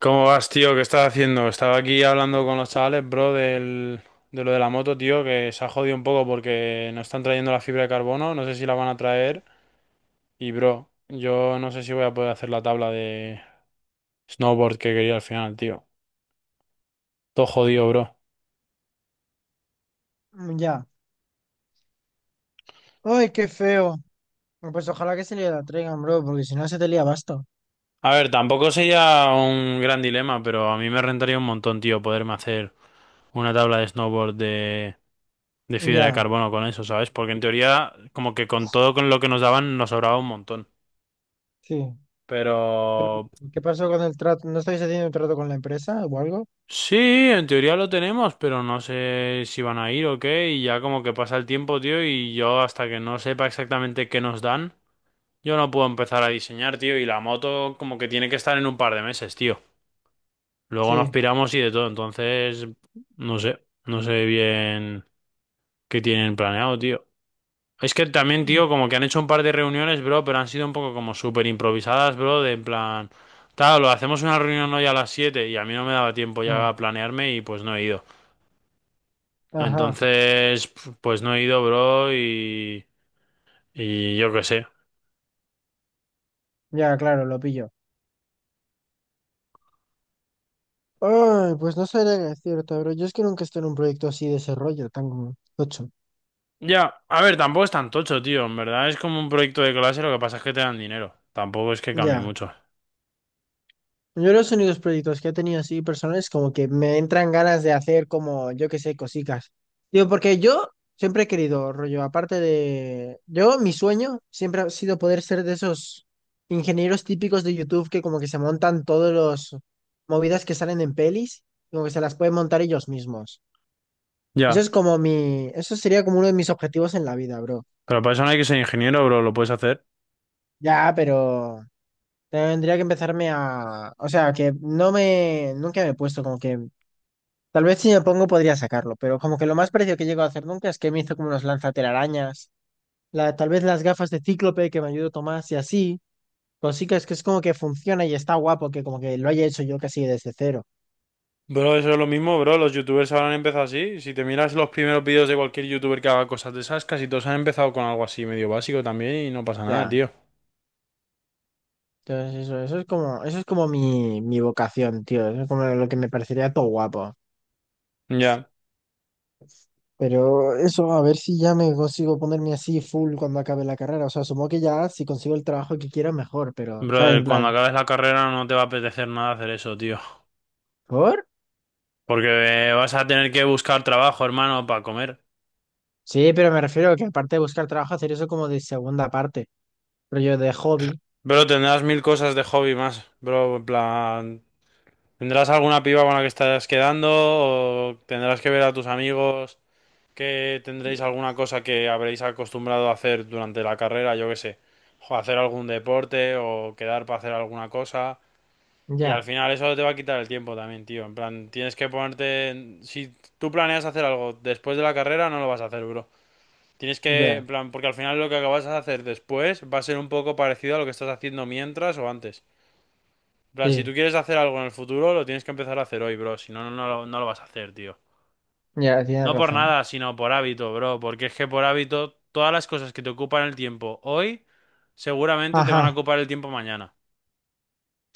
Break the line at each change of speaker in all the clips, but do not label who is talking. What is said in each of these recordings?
¿Cómo vas, tío? ¿Qué estás haciendo? Estaba aquí hablando con los chavales, bro, del, de lo de la moto, tío, que se ha jodido un poco porque no están trayendo la fibra de carbono, no sé si la van a traer. Y, bro, yo no sé si voy a poder hacer la tabla de snowboard que quería al final, tío. Todo jodido, bro.
Mm, ya. ¡Ay, qué feo! Bueno, pues ojalá que se le la traigan, bro, porque si no se te lía basta.
A ver, tampoco sería un gran dilema, pero a mí me rentaría un montón, tío, poderme hacer una tabla de snowboard de fibra de
Ya,
carbono con eso, ¿sabes? Porque en teoría, como que con todo con lo que nos daban, nos sobraba un montón.
sí.
Pero
Pero, ¿qué pasó con el trato? ¿No estáis haciendo un trato con la empresa o algo?
sí, en teoría lo tenemos, pero no sé si van a ir o qué, y ya como que pasa el tiempo, tío, y yo hasta que no sepa exactamente qué nos dan, yo no puedo empezar a diseñar, tío, y la moto como que tiene que estar en un par de meses, tío. Luego nos
Sí.
piramos y de todo, entonces no sé, no sé bien qué tienen planeado, tío. Es que también,
Mm.
tío, como que han hecho un par de reuniones, bro, pero han sido un poco como súper improvisadas, bro, de en plan, tal, lo hacemos una reunión hoy a las 7 y a mí no me daba tiempo ya
Ah,
a planearme y pues no he ido.
ajá.
Entonces, pues no he ido, bro, y yo qué sé.
Ya, claro, lo pillo. Ay, pues no sabría qué decirte, bro. Yo es que nunca estoy en un proyecto así de ese rollo, tan tocho.
Ya, a ver, tampoco es tan tocho, tío. En verdad es como un proyecto de clase, lo que pasa es que te dan dinero. Tampoco es que cambie
Ya.
mucho.
Yo los únicos proyectos que he tenido así personales como que me entran ganas de hacer como, yo qué sé, cositas. Digo, porque yo siempre he querido, rollo, Yo, mi sueño siempre ha sido poder ser de esos ingenieros típicos de YouTube que como que se montan todos los movidas que salen en pelis, como que se las pueden montar ellos mismos.
Ya,
Eso sería como uno de mis objetivos en la vida, bro.
pero para eso no hay que ser ingeniero, bro, lo puedes hacer.
Ya, pero... Tendría que empezarme a... O sea, que no me... Nunca me he puesto como que tal vez si me pongo podría sacarlo, pero como que lo más parecido que llego a hacer nunca es que me hizo como unos lanzatelarañas, tal vez las gafas de Cíclope que me ayudó Tomás y así, cositas que es como que funciona y está guapo que como que lo haya hecho yo casi desde cero.
Bro, eso es lo mismo, bro. Los youtubers ahora han empezado así. Si te miras los primeros vídeos de cualquier youtuber que haga cosas de esas, casi todos han empezado con algo así medio básico también y no
O
pasa nada,
sea,
tío.
entonces eso es como, eso es como mi vocación, tío, eso es como lo que me parecería todo guapo.
Ya.
Pero eso, a ver si ya me consigo ponerme así full cuando acabe la carrera. O sea, supongo que ya si consigo el trabajo que quiero mejor, pero, ¿sabes? En
Brother, cuando
plan,
acabes la carrera no te va a apetecer nada hacer eso, tío.
¿por?
Porque vas a tener que buscar trabajo, hermano, para comer.
Sí, pero me refiero a que aparte de buscar trabajo, hacer eso como de segunda parte, pero yo de hobby.
Bro, tendrás mil cosas de hobby más, bro, en plan, ¿tendrás alguna piba con la que estarás quedando o tendrás que ver a tus amigos que tendréis alguna cosa que habréis acostumbrado a hacer durante la carrera, yo qué sé, o hacer algún deporte o quedar para hacer alguna cosa y al
Ya,
final eso te va a quitar el tiempo también, tío, en plan, tienes que ponerte, si tú planeas hacer algo después de la carrera no lo vas a hacer, bro. Tienes que,
ya,
en plan, porque al final lo que acabas de hacer después va a ser un poco parecido a lo que estás haciendo mientras o antes. En plan, si
sí,
tú quieres hacer algo en el futuro, lo tienes que empezar a hacer hoy, bro. Si no, no, no, no lo vas a hacer, tío.
ya, tienes
No por
razón.
nada, sino por hábito, bro. Porque es que por hábito, todas las cosas que te ocupan el tiempo hoy, seguramente te van a
Ajá,
ocupar el tiempo mañana.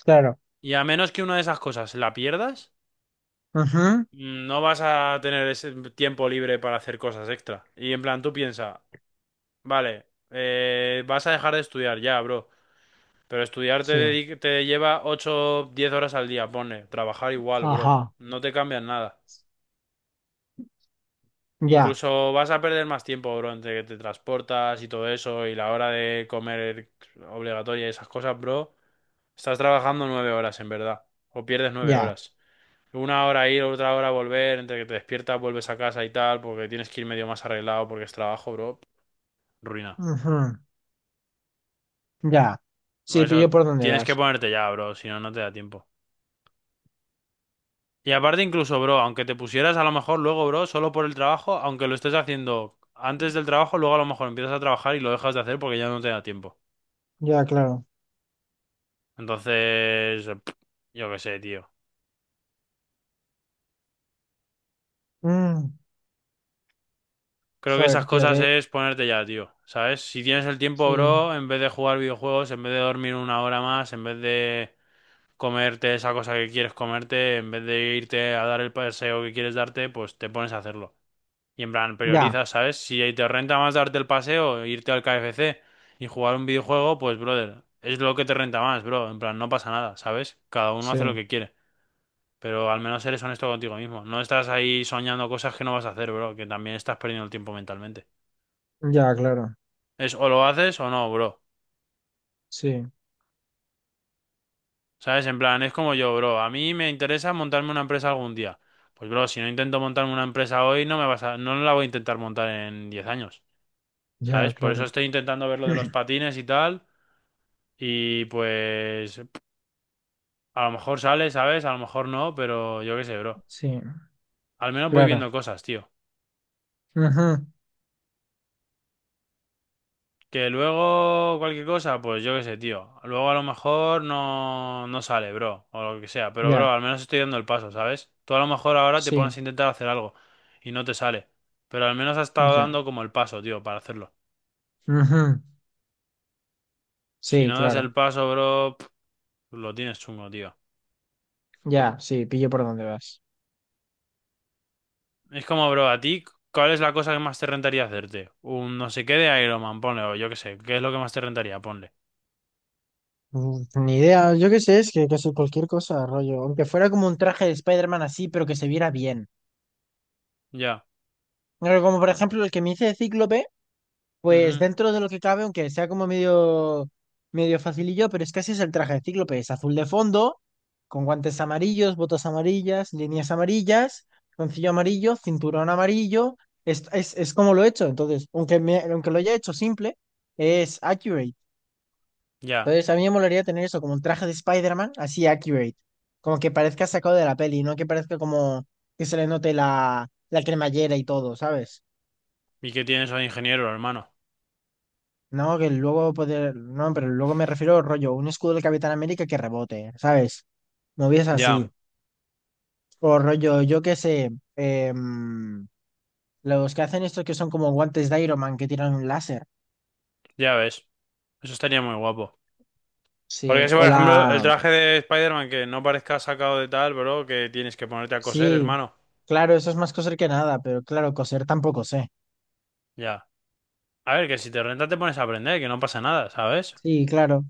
claro.
Y a menos que una de esas cosas la pierdas,
Ujú,
no vas a tener ese tiempo libre para hacer cosas extra. Y en plan, tú piensa, vale, vas a dejar de estudiar ya, bro. Pero estudiar
sí.
te lleva 8 10 horas al día, pone. Trabajar igual, bro.
Ajá,
No te cambian nada.
ya,
Incluso vas a perder más tiempo, bro, entre que te transportas y todo eso y la hora de comer obligatoria y esas cosas, bro. Estás trabajando 9 horas, en verdad. O pierdes nueve
ya,
horas. Una hora ir, otra hora volver, entre que te despiertas, vuelves a casa y tal, porque tienes que ir medio más arreglado porque es trabajo, bro. Ruina.
ujú, ya. Sí, pillo
Eso
por dónde
tienes que
vas.
ponerte ya, bro, si no, no te da tiempo. Y aparte incluso, bro, aunque te pusieras a lo mejor luego, bro, solo por el trabajo, aunque lo estés haciendo antes del trabajo, luego a lo mejor empiezas a trabajar y lo dejas de hacer porque ya no te da tiempo.
Ya, claro.
Entonces, eh, pff, yo qué sé, tío.
Mm,
Creo que
joder,
esas
tío,
cosas
que...
es ponerte ya, tío. ¿Sabes? Si tienes el tiempo,
Sí,
bro, en vez de jugar videojuegos, en vez de dormir una hora más, en vez de comerte esa cosa que quieres comerte, en vez de irte a dar el paseo que quieres darte, pues te pones a hacerlo. Y en plan,
ya,
priorizas, ¿sabes? Si ahí te renta más darte el paseo, irte al KFC y jugar un videojuego, pues, brother, es lo que te renta más, bro. En plan, no pasa nada, ¿sabes? Cada uno
sí,
hace lo que quiere. Pero al menos eres honesto contigo mismo. No estás ahí soñando cosas que no vas a hacer, bro, que también estás perdiendo el tiempo mentalmente.
ya, claro.
Es o lo haces o no, bro.
Sí,
¿Sabes? En plan, es como yo, bro. A mí me interesa montarme una empresa algún día. Pues, bro, si no intento montarme una empresa hoy, no me vas a, no la voy a intentar montar en 10 años.
ya,
¿Sabes? Por eso
claro.
estoy intentando ver lo de los patines y tal. Y pues, a lo mejor sale, ¿sabes? A lo mejor no, pero yo qué sé, bro.
Sí,
Al menos voy
claro.
viendo cosas, tío.
Ujú,
Que luego cualquier cosa, pues yo qué sé, tío. Luego a lo mejor no, no sale, bro, o lo que sea. Pero,
ya,
bro, al menos estoy dando el paso, ¿sabes? Tú a lo mejor ahora te
sí,
pones a intentar hacer algo y no te sale. Pero al menos has estado
ya.
dando como el paso, tío, para hacerlo.
Ujú,
Si
sí,
no das
claro.
el paso, bro, pf, lo tienes chungo, tío.
Ya, sí, pillo por dónde vas.
Es como, bro, a ti, ¿cuál es la cosa que más te rentaría hacerte? Un no sé qué de Iron Man, ponle, o yo qué sé. ¿Qué es lo que más te rentaría? Ponle.
Ni idea, yo qué sé, es que casi cualquier cosa, rollo. Aunque fuera como un traje de Spider-Man así, pero que se viera bien.
Ya.
Pero como por ejemplo el que me hice de Cíclope, pues
Ujú.
dentro de lo que cabe, aunque sea como medio, medio facilillo, pero es que así es el traje de Cíclope. Es azul de fondo, con guantes amarillos, botas amarillas, líneas amarillas, concillo amarillo, cinturón amarillo. Es como lo he hecho. Entonces, aunque lo haya hecho simple, es accurate.
Ya.
Entonces, a mí me molaría tener eso, como un traje de Spider-Man, así accurate. Como que parezca sacado de la peli, no que parezca como que se le note la cremallera y todo, ¿sabes?
¿Y qué tienes hoy, ingeniero, hermano?
No, que luego poder. No, pero luego me refiero rollo, un escudo del Capitán América que rebote, ¿sabes? Movies
Ya.
así. O rollo, yo qué sé. em, los que hacen esto que son como guantes de Iron Man que tiran un láser.
Ya ves. Eso estaría muy guapo.
Sí,
Porque si, por
o
ejemplo, el
la.
traje de Spider-Man que no parezca sacado de tal, bro, que tienes que ponerte a coser,
Sí,
hermano.
claro, eso es más coser que nada, pero claro, coser tampoco sé.
Ya. A ver, que si te renta te pones a aprender, que no pasa nada, ¿sabes?
Sí, claro.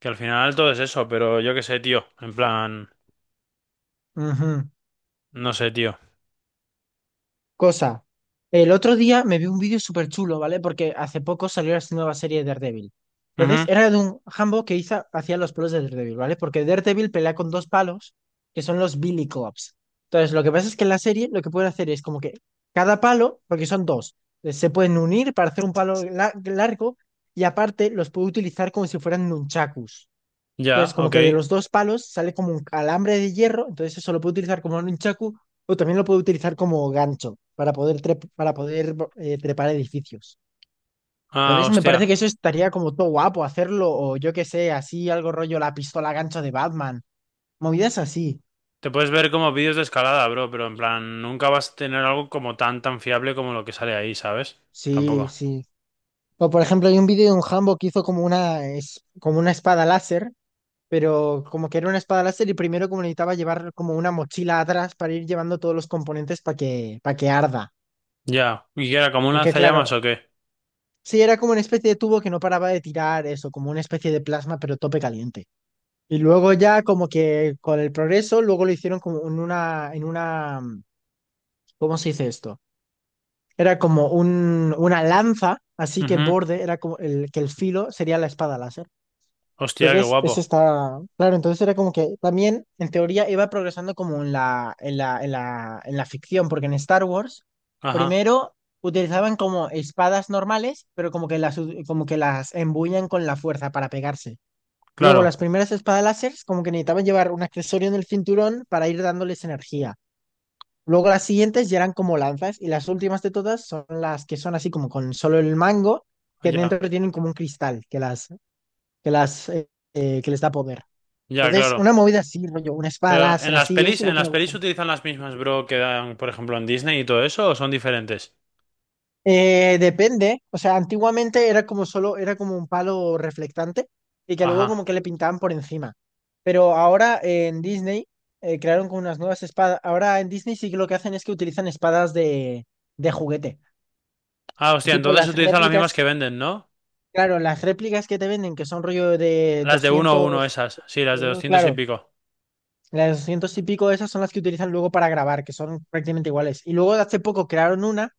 Que al final todo es eso, pero yo qué sé, tío. En plan,
Ujú.
no sé, tío.
Cosa, el otro día me vi un vídeo súper chulo, ¿vale? Porque hace poco salió esta nueva serie de Daredevil. Entonces,
Ujú.
era de un jambo que hacía los palos de Daredevil, ¿vale? Porque Daredevil pelea con dos palos, que son los Billy Clubs. Entonces, lo que pasa es que en la serie lo que pueden hacer es como que cada palo, porque son dos, se pueden unir para hacer un palo largo y aparte los puede utilizar como si fueran nunchakus. Entonces,
Ya,
como
ok.
que de los dos palos sale como un alambre de hierro, entonces eso lo puede utilizar como un chaku o también lo puede utilizar como gancho para poder, para poder trepar edificios.
Ah,
Entonces, me parece que
hostia.
eso estaría como todo guapo hacerlo, o yo qué sé, así algo rollo la pistola gancho de Batman. Movidas así.
Te puedes ver como vídeos de escalada, bro, pero en plan, nunca vas a tener algo como tan, tan fiable como lo que sale ahí, ¿sabes?
Sí,
Tampoco.
sí. O por ejemplo, hay un vídeo de un Hambo que hizo como como una espada láser, pero como que era una espada láser y primero como necesitaba llevar como una mochila atrás para ir llevando todos los componentes para que arda.
Ya. ¿Y qué era? ¿Como un
Porque claro,
lanzallamas o qué?
sí, era como una especie de tubo que no paraba de tirar eso, como una especie de plasma, pero tope caliente. Y luego ya como que con el progreso, luego lo hicieron como ¿cómo se dice esto? Era como una lanza, así que el
Ujú.
borde era como el, que el filo sería la espada láser.
Hostia, qué
Entonces,
guapo.
eso está claro. Entonces era como que también, en teoría, iba progresando como en la ficción, porque en Star Wars,
Ajá.
primero utilizaban como espadas normales, pero como que como que las embuían con la fuerza para pegarse. Luego,
Claro.
las primeras espadas láseres, como que necesitaban llevar un accesorio en el cinturón para ir dándoles energía. Luego, las siguientes ya eran como lanzas, y las últimas de todas son las que son así como con solo el mango, que
Ya.
dentro tienen como un cristal que las, eh, que les da poder.
Ya,
Entonces,
claro.
una movida así, rollo, una espada
Pero
láser así, eso es lo
en
que me
las pelis
gustaría.
utilizan las mismas, bro, que dan, por ejemplo, en Disney y todo eso, o son diferentes.
Depende, o sea, antiguamente era como solo, era como un palo reflectante y que luego como
Ajá.
que le pintaban por encima. Pero ahora en Disney crearon como unas nuevas espadas. Ahora en Disney sí que lo que hacen es que utilizan espadas de juguete.
Ah, hostia,
Tipo
entonces
las
utilizan las mismas
réplicas,
que venden, ¿no?
claro, las réplicas que te venden, que son rollo de
Las de uno a uno
200
esas. Sí, las de 200 y
claro,
pico.
las 200 y pico, esas son las que utilizan luego para grabar, que son prácticamente iguales. Y luego hace poco crearon una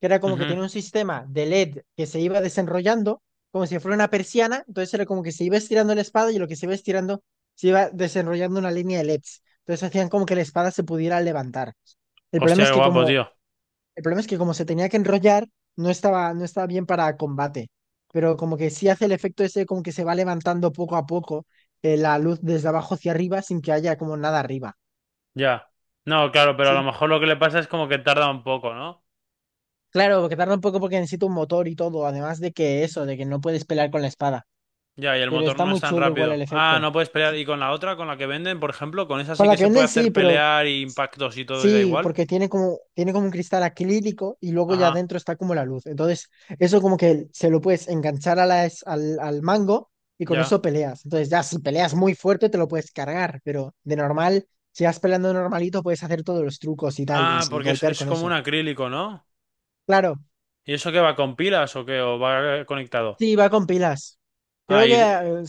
que era como que
Ujú.
tenía un sistema de LED que se iba desenrollando, como si fuera una persiana, entonces era como que se iba estirando la espada y lo que se iba estirando se iba desenrollando una línea de LEDs. Entonces hacían como que la espada se pudiera levantar. El problema
Hostia,
es
qué
que
guapo,
como,
tío.
el problema es que como se tenía que enrollar, no estaba bien para combate, pero como que sí hace el efecto ese como que se va levantando poco a poco la luz desde abajo hacia arriba sin que haya como nada arriba.
Ya. No, claro, pero a lo
Sí,
mejor lo que le pasa es como que tarda un poco, ¿no?
claro, porque tarda un poco porque necesita un motor y todo, además de que eso, de que no puedes pelear con la espada.
Ya, y el
Pero
motor
está
no es
muy
tan
chulo igual el
rápido. Ah,
efecto.
no puedes pelear.
Sí.
¿Y con la otra, con la que venden, por ejemplo? Con esa
Con
sí
la
que
que
se puede
venden sí,
hacer
pero
pelear y impactos y todo y da
sí,
igual.
porque tiene como un cristal acrílico y luego ya
Ajá,
adentro está como la luz. Entonces, eso como que se lo puedes enganchar a al mango y con
ya.
eso peleas. Entonces, ya si peleas muy fuerte te lo puedes cargar, pero de normal, si vas peleando normalito, puedes hacer todos los trucos y tal
Ah,
y
porque
golpear
es
con
como un
eso.
acrílico, ¿no?
Claro,
¿Y eso qué va con pilas o qué? ¿O va conectado?
sí, va con pilas.
Ah,
Creo que
y...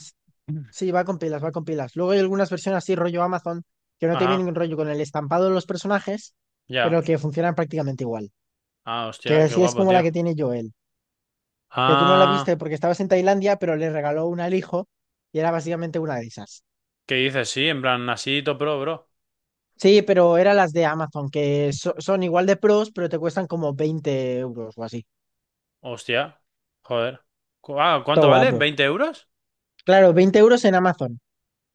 Sí, va con pilas, va con pilas. Luego hay algunas versiones así, rollo Amazon, que no te
Ajá,
vienen rollo con el estampado de los personajes,
ya.
pero que funcionan prácticamente igual.
Ah,
Que
hostia, qué
así es
guapo,
como la
tío.
que tiene Joel. Que tú no la viste
Ah,
porque estabas en Tailandia, pero le regaló una al hijo y era básicamente una de esas.
¿qué dices? Sí, en plan, así top pro, bro.
Sí, pero eran las de Amazon, que son igual de pros, pero te cuestan como 20 euros o así.
Hostia, joder. Cu- Ah,
Todo
¿cuánto vale?
guapo.
¿Veinte euros?
Claro, 20 euros en Amazon.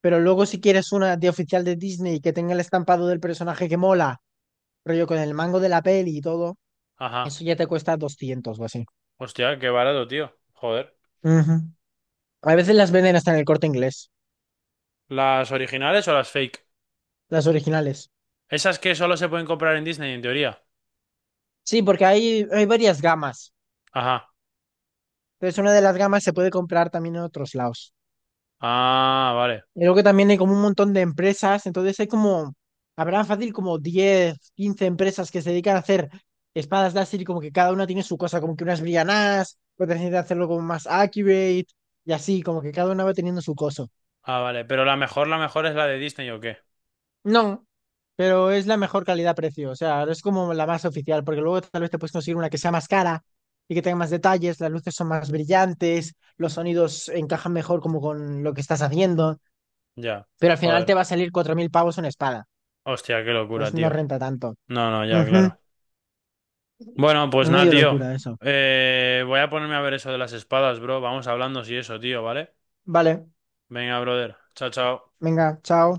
Pero luego si quieres una de oficial de Disney que tenga el estampado del personaje que mola, rollo con el mango de la peli y todo. Eso
Ajá,
ya te cuesta 200 o así.
hostia, qué barato, tío. Joder.
Ujú. A veces las venden hasta en el Corte Inglés,
¿Las originales o las fake?
las originales.
Esas que solo se pueden comprar en Disney, en teoría.
Sí, porque hay varias gamas.
Ajá.
Entonces una de las gamas se puede comprar también en otros lados.
Ah, vale.
Y luego también hay como un montón de empresas, entonces habrá fácil como 10 15 empresas que se dedican a hacer espadas láser y como que cada una tiene su cosa, como que unas brillan más, otras intentan hacerlo como más accurate y así, como que cada una va teniendo su cosa.
Ah, vale. Pero la mejor es la de Disney, ¿o qué?
No, pero es la mejor calidad-precio. O sea, es como la más oficial, porque luego tal vez te puedes conseguir una que sea más cara y que tenga más detalles, las luces son más brillantes, los sonidos encajan mejor como con lo que estás haciendo,
Ya.
pero al final te va
Joder.
a salir 4.000 pavos una espada.
Hostia, qué
Entonces
locura,
no
tío.
renta tanto.
No, no, ya,
Ujú,
claro. Bueno,
es
pues nada,
medio
tío.
locura eso.
Voy a ponerme a ver eso de las espadas, bro. Vamos hablando si eso, tío, ¿vale?
Vale,
Venga, brother. Chao, chao.
venga, chao.